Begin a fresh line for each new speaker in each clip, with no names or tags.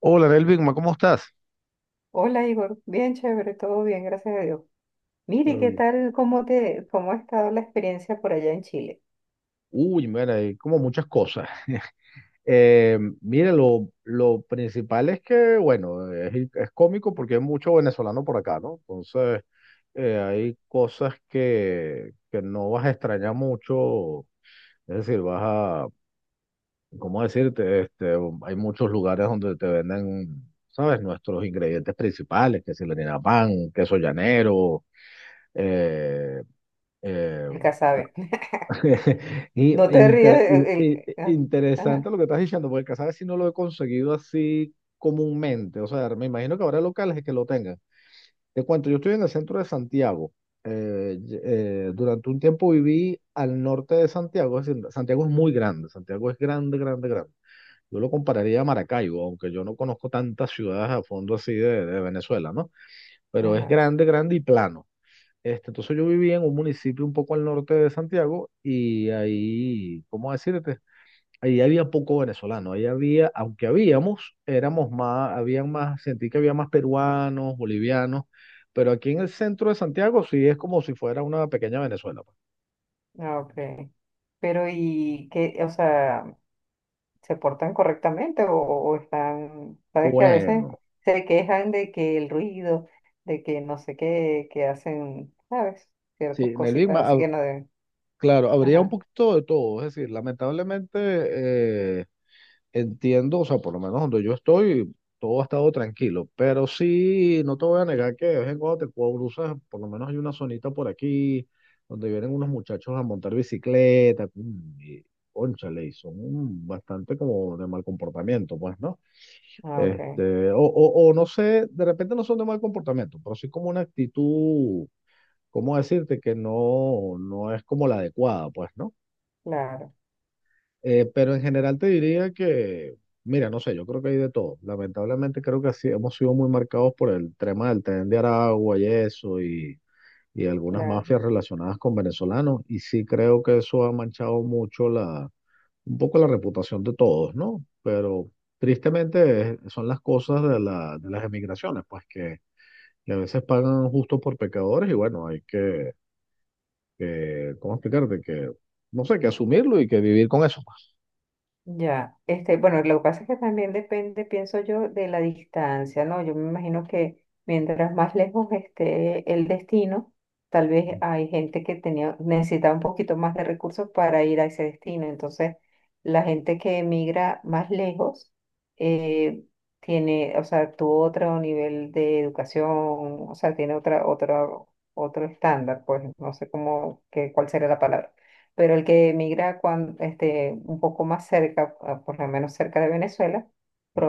Hola, Nelvigma, ¿cómo estás?
Hola Igor, bien chévere, todo bien, gracias a Dios. Mire,
Pero
¿qué
bien.
tal? ¿Cómo ha estado la experiencia por allá en Chile?
Uy, mira, hay como muchas cosas. Mira, lo principal es que, bueno, es cómico porque hay mucho venezolano por acá, ¿no? Entonces, hay cosas que no vas a extrañar mucho. Es decir, vas a, ¿cómo decirte? Hay muchos lugares donde te venden, ¿sabes? Nuestros ingredientes principales, que si el harina pan, queso llanero, eh, eh,
El Casabe.
Y
No te rías.
interesante
Ajá,
lo que estás diciendo, porque Casares si no lo he conseguido así comúnmente. O sea, me imagino que habrá locales que lo tengan. Te cuento, yo estoy en el centro de Santiago. Durante un tiempo viví al norte de Santiago. Es decir, Santiago es muy grande. Santiago es grande, grande, grande. Yo lo compararía a Maracaibo, aunque yo no conozco tantas ciudades a fondo así de Venezuela, ¿no? Pero es
ajá,
grande, grande y plano. Entonces yo vivía en un municipio un poco al norte de Santiago y ahí, ¿cómo decirte? Ahí había poco venezolano, ahí había, aunque habíamos, éramos más, habían más, sentí que había más peruanos, bolivianos, pero aquí en el centro de Santiago sí es como si fuera una pequeña Venezuela, pues.
ah, ok. Pero ¿y qué? O sea, ¿se portan correctamente o están, sabes que a veces
Bueno,
se quejan de que el ruido, de que no sé qué, que hacen, ¿sabes?
sí,
Ciertas
en el Big
cositas
Mac,
así que no deben.
claro, habría un
Ajá,
poquito de todo, es decir, lamentablemente, entiendo, o sea, por lo menos donde yo estoy, todo ha estado tranquilo, pero sí, no te voy a negar que de vez en cuando te cruzas, por lo menos hay una zonita por aquí donde vienen unos muchachos a montar bicicleta, y cónchale, y son bastante como de mal comportamiento, pues, ¿no?
ah, ok,
Este, o no sé, de repente no son de mal comportamiento, pero sí como una actitud, ¿cómo decirte? Que no, no es como la adecuada, pues, ¿no?
claro,
Pero en general te diría que, mira, no sé, yo creo que hay de todo. Lamentablemente creo que así hemos sido muy marcados por el tema del tren de Aragua y eso, y algunas
claro.
mafias relacionadas con venezolanos. Y sí creo que eso ha manchado mucho un poco la reputación de todos, ¿no? Pero tristemente, son las cosas de las emigraciones, pues que a veces pagan justo por pecadores y bueno, ¿cómo explicarte? Que, no sé, que asumirlo y que vivir con eso,
Ya, este, bueno, lo que pasa es que también depende, pienso yo, de la distancia, ¿no? Yo me imagino que mientras más lejos esté el destino, tal vez hay gente que tenía, necesitaba un poquito más de recursos para ir a ese destino. Entonces, la gente que emigra más lejos, eh, tiene, o sea, tuvo otro nivel de educación, o sea, tiene otra, otro estándar, pues no sé cómo, que, cuál sería la palabra pero el que emigra un poco más cerca, a- por lo menos cerca de Venezuela,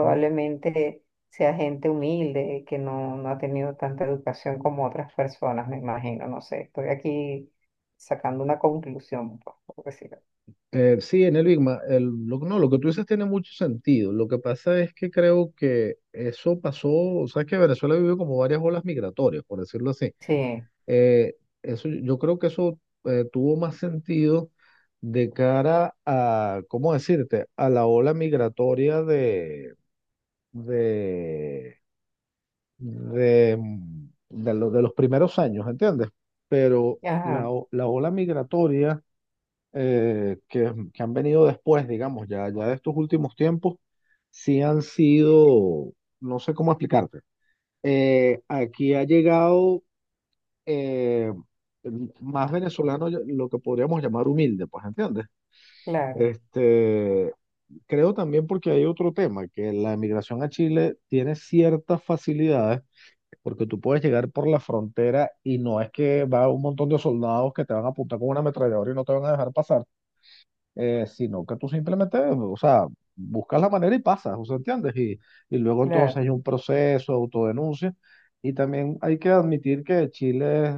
pues.
sea gente humilde, que no ha tenido tanta educación como otras personas, me imagino, no sé, estoy aquí sacando una conclusión, pues, por decirlo.
Sí, en el Big Ma- el, lo, no, lo que tú dices tiene mucho sentido. Lo que pasa es que creo que eso pasó, o sea, que Venezuela vivió como varias olas migratorias, por decirlo así.
Sí,
Eh, Eso, yo creo que eso tuvo más sentido de cara a, ¿cómo decirte?, a la ola migratoria de, de, de los primeros años, ¿entiendes? Pero
ajá,
la ola migratoria, que han venido después, digamos, ya, ya de estos últimos tiempos, sí han sido, no sé cómo explicarte. Aquí ha llegado, eh, más venezolano, lo que podríamos llamar humilde, pues, ¿entiendes?
claro,
Este, Creo también porque hay otro tema, que la emigración a Chile tiene ciertas facilidades, porque tú puedes llegar por la frontera y no es que va un montón de soldados que te van a apuntar con una ametralladora y no te van a dejar pasar, sino que tú simplemente, o sea, buscas la manera y pasas, o sea, ¿entiendes? Y luego entonces
claro,
hay un proceso, autodenuncia, y también hay que admitir que Chile es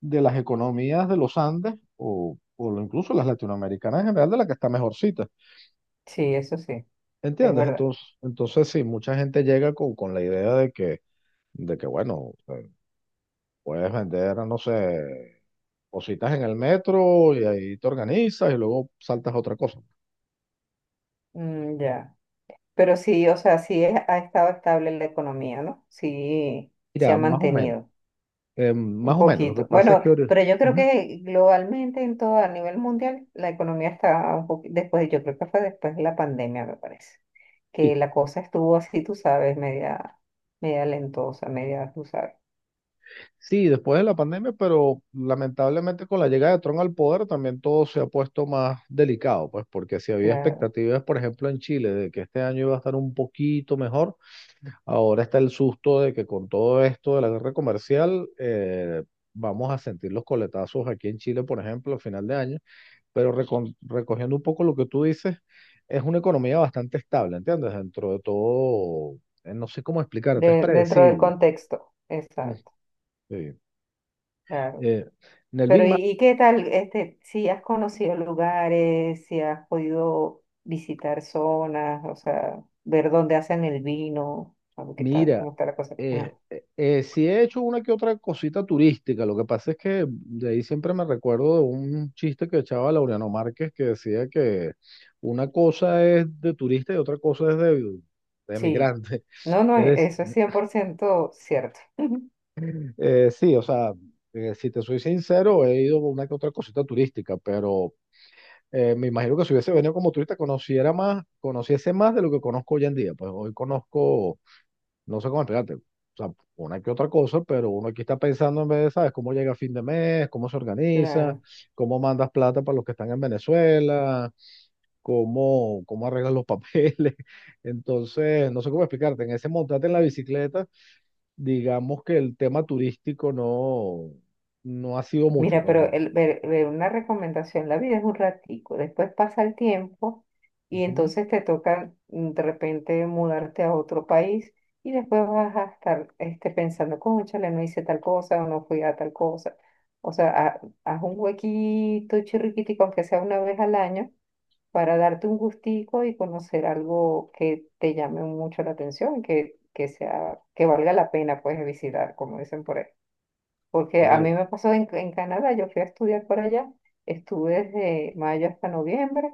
de las economías de los Andes, incluso las latinoamericanas en general, de la que está mejorcita,
sí, eso sí, es
¿entiendes?
verdad.
Entonces sí, mucha gente llega con la idea de que bueno, puedes vender, no sé, cositas en el metro y ahí te organizas y luego saltas a otra cosa.
Mm, ya, pero sí, o sea, sí es- ha estado estable la economía, ¿no? Sí, se ha
Mira, más o menos.
mantenido. Un
Más o menos, lo que
poquito.
pasa es
Bueno,
que...
pero yo creo
Ujú.
que globalmente, en todo, a nivel mundial, la economía está un poquito, después, yo creo que fue después de la pandemia, me parece,
Sí,
que la cosa estuvo así, tú sabes, media, media lentosa, media, tú sabes,
sí, después de la pandemia, pero lamentablemente con la llegada de Trump al poder también todo se ha puesto más delicado, pues porque si había
claro,
expectativas, por ejemplo, en Chile de que este año iba a estar un poquito mejor, ahora está el susto de que con todo esto de la guerra comercial, vamos a sentir los coletazos aquí en Chile, por ejemplo, a final de año. Pero, recogiendo un poco lo que tú dices, es una economía bastante estable, ¿entiendes? Dentro de todo, no sé cómo explicarte, es
de- dentro del
predecible.
contexto,
Mm.
exacto,
Sí.
claro.
Eh, en
Pero, ¿y qué tal, este, si has conocido lugares, si has podido visitar zonas, o sea, ver dónde hacen el vino, a ver qué tal,
Mira,
cómo está la cosa? Ajá.
sí he hecho una que otra cosita turística, lo que pasa es que de ahí siempre me recuerdo de un chiste que echaba Laureano Márquez que decía que una cosa es de turista y otra cosa es de
Sí.
emigrante.
No, no, e-
Es
eso es 100% cierto.
Sí, o sea, si te soy sincero, he ido a una que otra cosita turística, pero me imagino que si hubiese venido como turista, conociera más, conociese más de lo que conozco hoy en día. Pues hoy conozco, no sé cómo explicarte, o sea, una que otra cosa, pero uno aquí está pensando en vez de, ¿sabes? Cómo llega a fin de mes, cómo se organiza,
Claro.
cómo mandas plata para los que están en Venezuela, cómo arreglas los papeles. Entonces, no sé cómo explicarte, en ese montarte en la bicicleta digamos que el tema turístico no, no ha sido mucho,
Mira, pero
pues.
el, ver una recomendación, la vida es un ratico, después pasa el tiempo y
Ujú,
entonces te toca mm, de repente mudarte a otro país y después vas a estar este, pensando, cónchale, no hice tal cosa o no fui a tal cosa. O sea, ha- haz un huequito chirriquitico, aunque sea una vez al año, para darte un gustico y conocer algo que te llame mucho la atención, que sea, que valga la pena pues visitar, como dicen por ahí. Porque a
eh,
mí me pasó en Canadá, yo fui a estudiar por allá, estuve desde mayo hasta noviembre,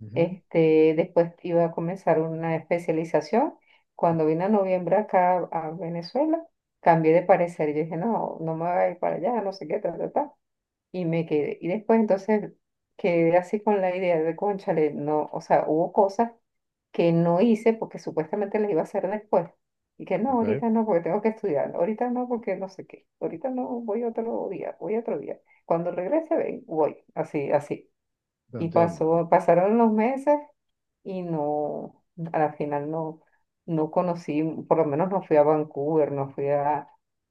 ujú,
este, después iba a comenzar una especialización. Cuando vine a noviembre acá a Venezuela, cambié de parecer, yo dije, no, no me voy a ir para allá, no sé qué, tal, tal, tal y me quedé. Y después entonces quedé así con la idea de, cónchale, no, o sea, hubo cosas que no hice porque supuestamente las iba a hacer después. Y que no,
ok,
ahorita no, porque tengo que estudiar, ahorita no, porque no sé qué, ahorita no, voy otro día, voy otro día. Cuando regrese, ven, voy, así, así.
te
Y
entiendo, te
pasó, pasaron los meses y no, a la final no, no conocí, por lo menos no fui a Vancouver, no fui a,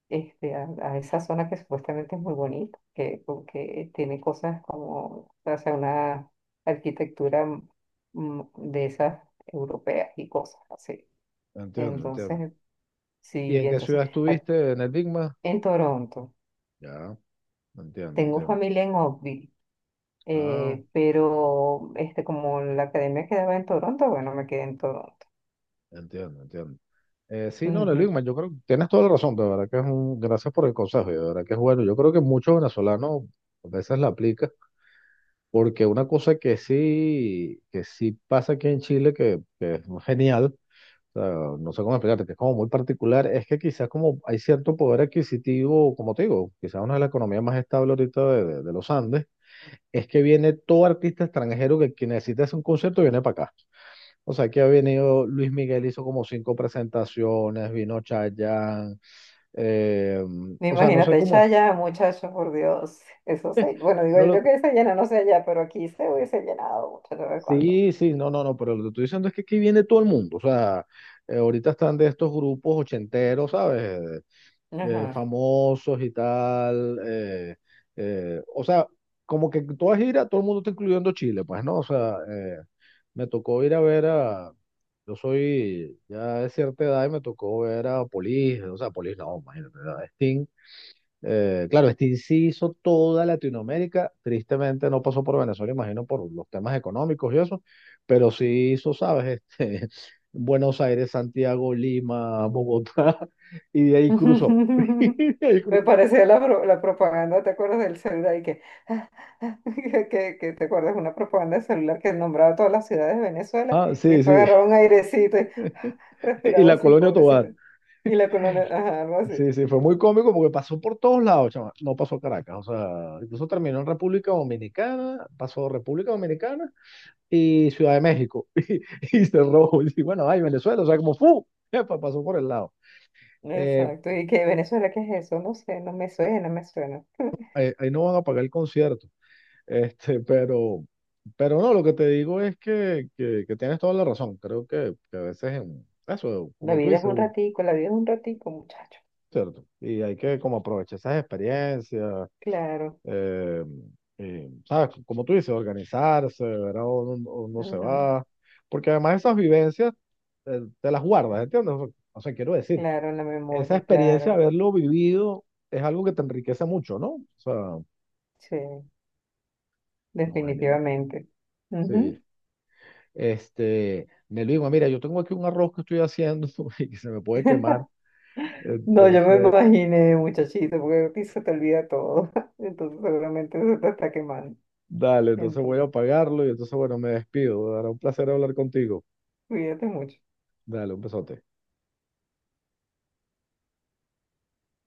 este, a esa zona que supuestamente es muy bonita, que, porque tiene cosas como, o sea, una arquitectura mm, de esas europeas y cosas así.
te entiendo, entiendo.
Entonces,
¿Y
sí,
en qué
entonces,
ciudad
a-
estuviste? ¿En el Big Mac?
en Toronto,
Ya, entiendo,
tengo
entiendo.
familia en Oakville
Ah,
pero este, como la academia quedaba en Toronto, bueno, me quedé en Toronto.
entiendo, entiendo. Sí, no, en el Big
Ujú.
Mac, yo creo que tienes toda la razón, de verdad que gracias por el consejo, y de verdad que es bueno. Yo creo que muchos venezolanos a veces la aplican, porque una cosa que sí pasa aquí en Chile, que es genial, sea, no sé cómo explicarte, que es como muy particular. Es que quizás como hay cierto poder adquisitivo, como te digo, quizás una de las economías más estables ahorita de los Andes, es que viene todo artista extranjero que necesita hacer un concierto viene para acá. O sea, que ha venido Luis Miguel, hizo como cinco presentaciones, vino Chayanne, eh, o sea, no sé
Imagínate,
cómo es.
Chaya, muchacho, por Dios, eso se, bueno, digo
No lo,
yo que se llena, no sé allá, pero aquí se hubiese llenado, muchacho, ¿sabes cuándo?
sí, sí, no, no, no, pero lo que estoy diciendo es que aquí viene todo el mundo. O sea, ahorita están de estos grupos ochenteros, ¿sabes?
Ajá.
Famosos y tal. O sea, como que toda gira, todo el mundo está incluyendo Chile, pues, ¿no? O sea, me tocó ir a ver a. Yo soy ya de cierta edad y me tocó ver a Polis, o sea, Polis no, imagínate, a Sting. Claro, Sting sí hizo toda Latinoamérica, tristemente no pasó por Venezuela, imagino por los temas económicos y eso, pero sí hizo, ¿sabes? Buenos Aires, Santiago, Lima, Bogotá, y de ahí. Cruzó. Y de ahí.
Me parecía la, pro- la propaganda, ¿te acuerdas del celular? Y que, que te acuerdas una propaganda de celular que nombraba todas las ciudades de Venezuela
Ah,
y
sí,
después
sí.
agarraba un airecito y
Y
respiraba
la
así,
colonia
pobrecito.
Tovar.
Y la colonia, ajá, algo así.
Sí, sí, fue muy cómico porque pasó por todos lados, chama. No pasó a Caracas, o sea, incluso terminó en República Dominicana, pasó República Dominicana y Ciudad de México. Y cerró. Y bueno, ay, Venezuela, o sea, como ¡fu! Epa, pasó por el lado. Eh,
Exacto, y que Venezuela, ¿qué es eso? No sé, no me suena, no me suena.
ahí no van a pagar el concierto. Este, pero, pero no, lo que te digo es que tienes toda la razón. Creo que a veces en eso,
La
como tú
vida es
dices,
un
Hugo,
ratico, la vida es un ratico, muchacho.
¿cierto? Y hay que como aprovechar esas experiencias.
Claro,
Eh, ¿Sabes? Como tú dices, organizarse, verá o no, no se
ujú,
va. Porque además esas vivencias, te las guardas, ¿entiendes? O sea, quiero decir,
claro, la
esa
memoria,
experiencia
claro,
de haberlo vivido es algo que te enriquece mucho, ¿no? O sea,
sí,
no, genial.
definitivamente. Ujú.
Sí. Nelvigma, mira, yo tengo aquí un arroz que estoy haciendo y que se me puede quemar.
No, yo me
Entonces,
imaginé, muchachito, porque a ti se te olvida todo, entonces seguramente eso te está quemando.
Dale, entonces voy
Entonces,
a apagarlo y entonces, bueno, me despido. Era un placer hablar contigo.
cuídate mucho.
Dale, un besote.